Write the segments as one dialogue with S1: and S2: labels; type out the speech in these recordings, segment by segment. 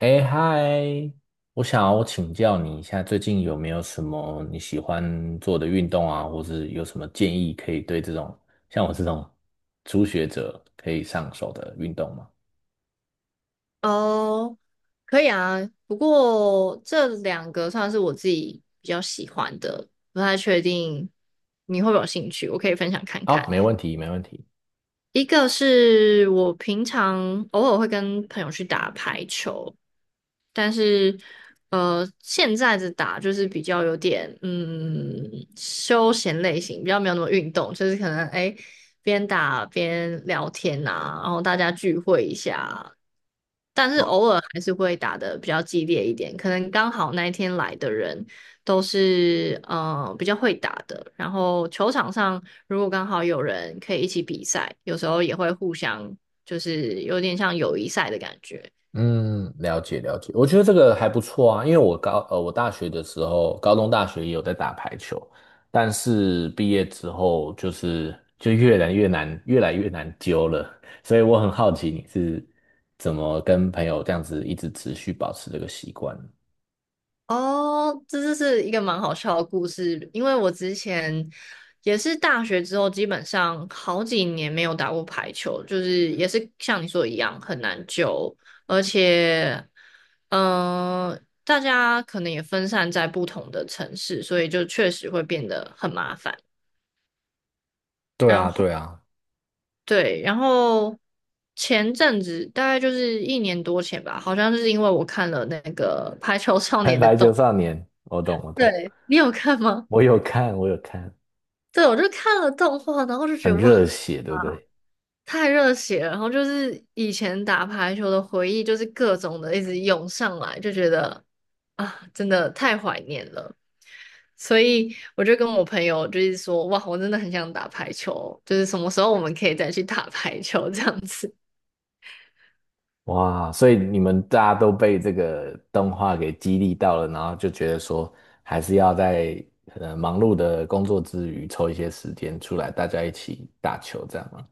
S1: 哎嗨，我想要请教你一下，最近有没有什么你喜欢做的运动啊，或是有什么建议可以对这种像我这种初学者可以上手的运动吗？
S2: 哦，可以啊，不过这两个算是我自己比较喜欢的，不太确定你会不会有兴趣，我可以分享看
S1: 好，
S2: 看。
S1: 没问题，没问题。
S2: 一个是我平常偶尔会跟朋友去打排球，但是现在的打就是比较有点休闲类型，比较没有那么运动，就是可能哎边打边聊天啊，然后大家聚会一下。但是偶尔还是会打得比较激烈一点，可能刚好那一天来的人都是比较会打的，然后球场上如果刚好有人可以一起比赛，有时候也会互相就是有点像友谊赛的感觉。
S1: 嗯，了解了解，我觉得这个还不错啊，因为我大学的时候，高中大学也有在打排球，但是毕业之后就越来越难，越来越难揪了，所以我很好奇你是怎么跟朋友这样子一直持续保持这个习惯的。
S2: 哦，这就是一个蛮好笑的故事，因为我之前也是大学之后，基本上好几年没有打过排球，就是也是像你说的一样很难救，而且，嗯、大家可能也分散在不同的城市，所以就确实会变得很麻烦。
S1: 对
S2: 然
S1: 啊，
S2: 后
S1: 对啊。
S2: 对，然后前阵子大概就是一年多前吧，好像就是因为我看了那个《排球少 年》的
S1: 排球
S2: 动，
S1: 少年，我懂我 懂。
S2: 对，你有看吗？
S1: 我有看我有看。
S2: 对，我就看了动画，然后就觉
S1: 很
S2: 得哇，
S1: 热血，对不对？
S2: 太热血了，然后就是以前打排球的回忆，就是各种的一直涌上来，就觉得啊，真的太怀念了。所以我就跟我朋友就是说，哇，我真的很想打排球，就是什么时候我们可以再去打排球这样子。
S1: 哇，所以你们大家都被这个动画给激励到了，然后就觉得说，还是要在忙碌的工作之余抽一些时间出来，大家一起打球，这样吗？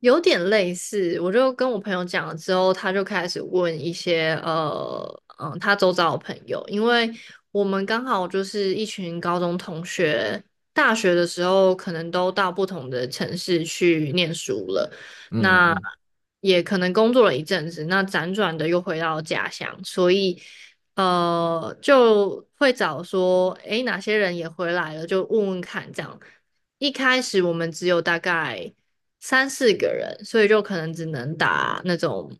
S2: 有点类似，我就跟我朋友讲了之后，他就开始问一些他周遭的朋友，因为我们刚好就是一群高中同学，大学的时候可能都到不同的城市去念书了，
S1: 嗯嗯
S2: 那
S1: 嗯，
S2: 也可能工作了一阵子，那辗转的又回到家乡，所以就会找说，诶，哪些人也回来了，就问问看这样。一开始我们只有大概三四个人，所以就可能只能打那种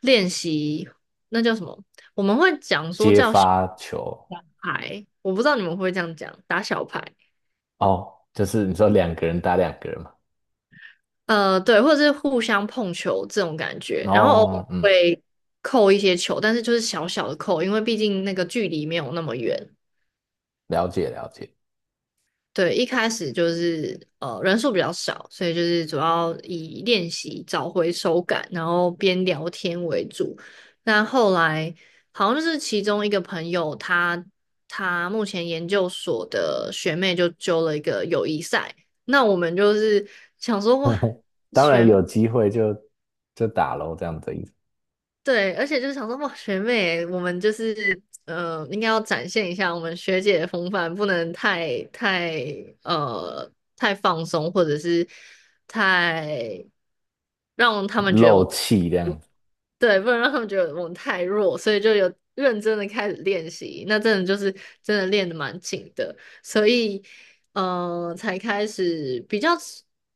S2: 练习，那叫什么？我们会讲说
S1: 接
S2: 叫小
S1: 发球。
S2: 牌，我不知道你们会不会这样讲，打小牌。
S1: 哦，就是你说两个人打两个人嘛。
S2: 对，或者是互相碰球这种感觉，然后偶尔
S1: 哦，嗯，
S2: 会扣一些球，但是就是小小的扣，因为毕竟那个距离没有那么远。
S1: 了解了解。
S2: 对，一开始就是人数比较少，所以就是主要以练习找回手感，然后边聊天为主。那后来好像就是其中一个朋友他，他目前研究所的学妹就揪了一个友谊赛，那我们就是想说哇，
S1: 当然
S2: 学妹。
S1: 有机会就打喽，这样子意思。
S2: 对，而且就是想说，哇，学妹，我们就是应该要展现一下我们学姐的风范，不能太呃太放松，或者是太让他们觉得我
S1: 漏
S2: 们
S1: 气这样。
S2: 对，不能让他们觉得我们太弱，所以就有认真的开始练习。那真的就是真的练的蛮紧的，所以才开始比较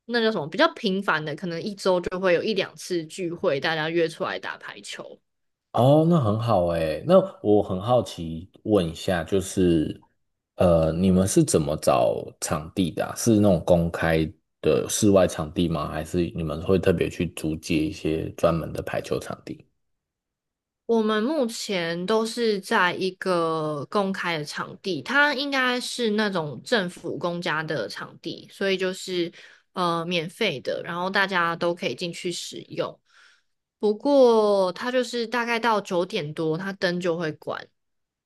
S2: 那叫什么比较频繁的，可能一周就会有一两次聚会，大家约出来打排球。
S1: 哦，那很好诶。那我很好奇问一下，就是，呃，你们是怎么找场地的啊？是那种公开的室外场地吗？还是你们会特别去租借一些专门的排球场地？
S2: 我们目前都是在一个公开的场地，它应该是那种政府公家的场地，所以就是免费的，然后大家都可以进去使用。不过它就是大概到九点多，它灯就会关，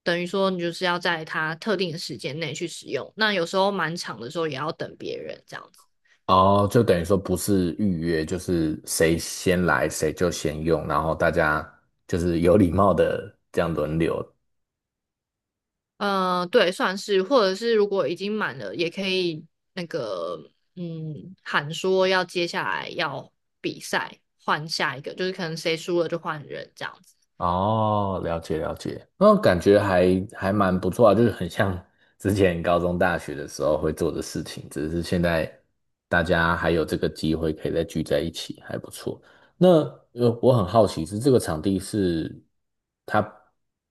S2: 等于说你就是要在它特定的时间内去使用。那有时候蛮长的时候也要等别人这样子。
S1: 哦，就等于说不是预约，就是谁先来谁就先用，然后大家就是有礼貌的这样轮流。
S2: 嗯、对，算是，或者是如果已经满了，也可以那个，嗯，喊说要接下来要比赛，换下一个，就是可能谁输了就换人这样子。
S1: 哦，了解了解，那感觉还蛮不错啊，就是很像 之前高中、大学的时候会做的事情，只是现在大家还有这个机会可以再聚在一起，还不错。那我很好奇是这个场地是它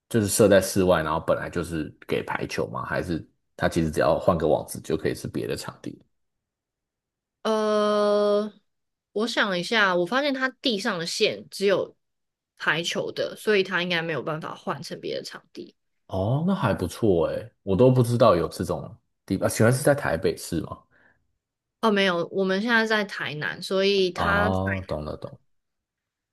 S1: 就是设在室外，然后本来就是给排球吗？还是它其实只要换个网址就可以是别的场地？
S2: 呃，我想一下，我发现他地上的线只有排球的，所以他应该没有办法换成别的场地。
S1: 哦，那还不错诶，我都不知道有这种地方，啊原来是在台北市吗？
S2: 哦，没有，我们现在在台南，所以他在
S1: 哦，懂了懂了。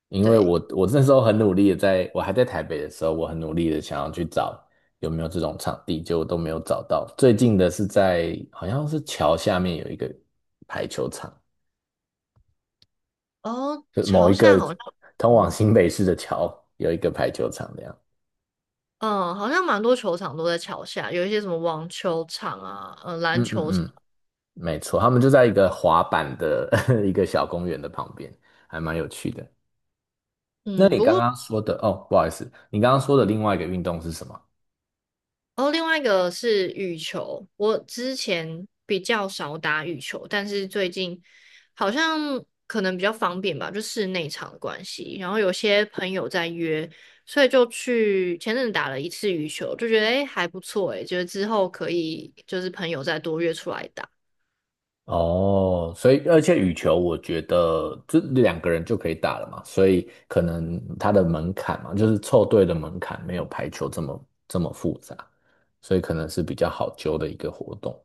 S1: 因为
S2: 对
S1: 我那时候很努力的在，我还在台北的时候，我很努力的想要去找有没有这种场地，结果都没有找到。最近的是在好像是桥下面有一个排球场，
S2: 哦，
S1: 就某
S2: 潮
S1: 一
S2: 汕
S1: 个
S2: 好像。
S1: 通往新北市的桥有一个排球场这样。
S2: 嗯，好像蛮多球场都在桥下，有一些什么网球场啊，篮
S1: 嗯嗯
S2: 球场，
S1: 嗯，没错，他们就在一个滑板的 一个小公园的旁边，还蛮有趣的。那
S2: 嗯，
S1: 你
S2: 不
S1: 刚
S2: 过
S1: 刚说的哦，不好意思，你刚刚说的另外一个运动是什么？
S2: 哦，另外一个是羽球，我之前比较少打羽球，但是最近好像可能比较方便吧，就室内场的关系，然后有些朋友在约，所以就去前阵子打了一次羽球，就觉得诶还不错诶，觉得之后可以就是朋友再多约出来打。
S1: 哦，所以而且羽球，我觉得这两个人就可以打了嘛，所以可能它的门槛嘛，就是凑对的门槛没有排球这么复杂，所以可能是比较好揪的一个活动。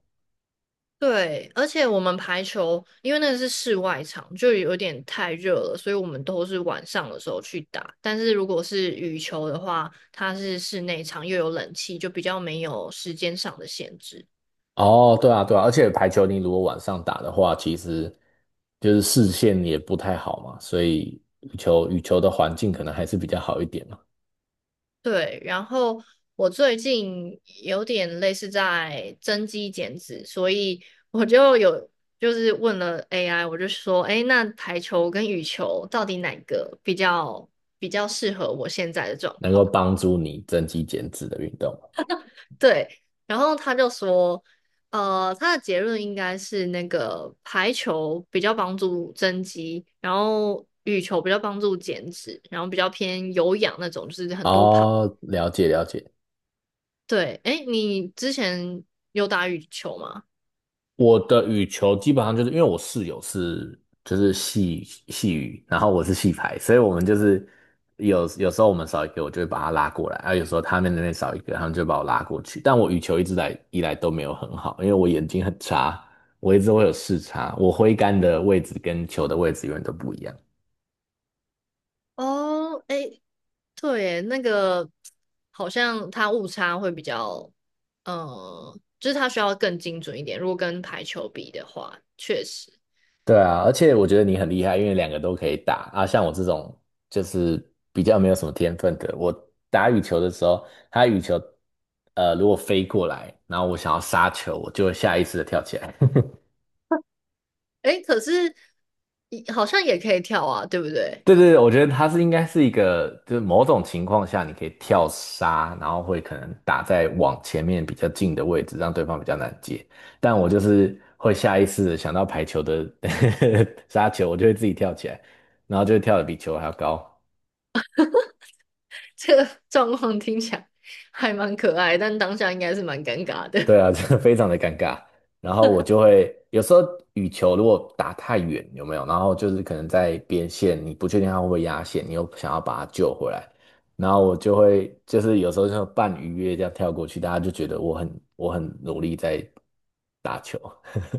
S2: 对，而且我们排球，因为那个是室外场，就有点太热了，所以我们都是晚上的时候去打。但是如果是羽球的话，它是室内场，又有冷气，就比较没有时间上的限制。
S1: 哦，对啊，对啊，而且排球你如果晚上打的话，其实就是视线也不太好嘛，所以羽球的环境可能还是比较好一点嘛，
S2: 对，然后我最近有点类似在增肌减脂，所以我就有就是问了 AI，我就说，哎，那排球跟羽球到底哪个比较适合我现在的状
S1: 能够
S2: 况？
S1: 帮助你增肌减脂的运动。
S2: 对，然后他就说，他的结论应该是那个排球比较帮助增肌，然后羽球比较帮助减脂，然后比较偏有氧那种，就是很多跑。
S1: 哦，了解了解。
S2: 对，哎，你之前有打羽球吗？
S1: 我的羽球基本上就是因为我室友是就是系羽，然后我是系排，所以我们就是有时候我们少一个，我就会把他拉过来，啊，有时候他们那边少一个，他们就把我拉过去。但我羽球一直来以来都没有很好，因为我眼睛很差，我一直会有视差，我挥杆的位置跟球的位置永远都不一样。
S2: 哦，哎，对耶，那个好像它误差会比较，就是它需要更精准一点。如果跟排球比的话，确实，
S1: 对啊，而且我觉得你很厉害，因为两个都可以打啊。像我这种就是比较没有什么天分的，我打羽球的时候，它羽球如果飞过来，然后我想要杀球，我就会下意识的跳起来。
S2: 哎，可是好像也可以跳啊，对不对？
S1: 对对对，我觉得它是应该是一个，就是某种情况下你可以跳杀，然后会可能打在往前面比较近的位置，让对方比较难接。但我就是会下意识的想到排球的 杀球，我就会自己跳起来，然后就会跳得比球还要高。
S2: 这个 状况听起来还蛮可爱，但当下应该是蛮尴尬
S1: 对
S2: 的。
S1: 啊，这个非常的尴尬。然后我就会有时候羽球如果打太远，有没有？然后就是可能在边线，你不确定它会不会压线，你又想要把它救回来，然后我就会就是有时候就半鱼跃这样跳过去，大家就觉得我很努力在打球。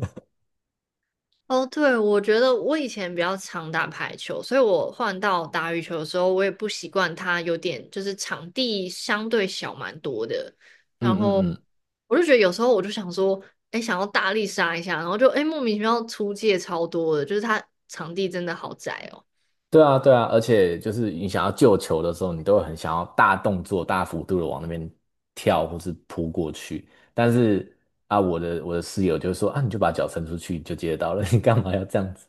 S2: 哦，对，我觉得我以前比较常打排球，所以我换到打羽球的时候，我也不习惯它有点就是场地相对小蛮多的，
S1: 嗯
S2: 然
S1: 嗯
S2: 后
S1: 嗯。
S2: 我就觉得有时候我就想说，哎，想要大力杀一下，然后就哎莫名其妙出界超多的，就是它场地真的好窄哦。
S1: 对啊，对啊，而且就是你想要救球的时候，你都会很想要大动作、大幅度的往那边跳或是扑过去。但是啊，我的室友就说啊，你就把脚伸出去你就接得到了，你干嘛要这样子？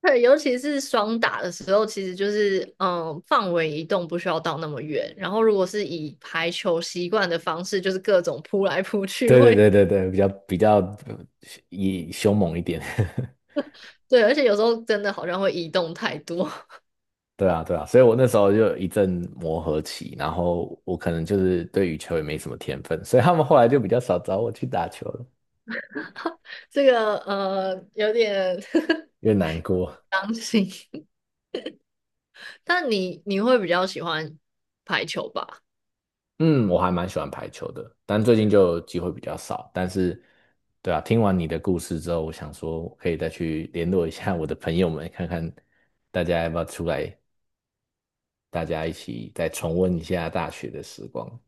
S2: 对，尤其是双打的时候，其实就是嗯，范围移动不需要到那么远。然后，如果是以排球习惯的方式，就是各种扑来扑去
S1: 对对
S2: 会，
S1: 对对对，比较呃以凶猛一点。
S2: 对，而且有时候真的好像会移动太多，
S1: 对啊，对啊，所以我那时候就有一阵磨合期，然后我可能就是对羽球也没什么天分，所以他们后来就比较少找我去打球了，
S2: 这个有点
S1: 越难过。
S2: 伤心。但你会比较喜欢排，
S1: 嗯，我还蛮喜欢排球的，但最近就机会比较少。但是，对啊，听完你的故事之后，我想说，我可以再去联络一下我的朋友们，看看大家要不要出来，大家一起再重温一下大学的时光。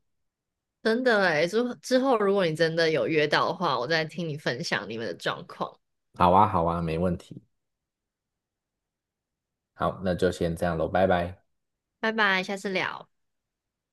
S2: 真的诶，之后如果你真的有约到的话，我再听你分享你们的状况。
S1: 好啊，好啊，没问题。好，那就先这样喽，拜拜。
S2: 拜拜，下次聊。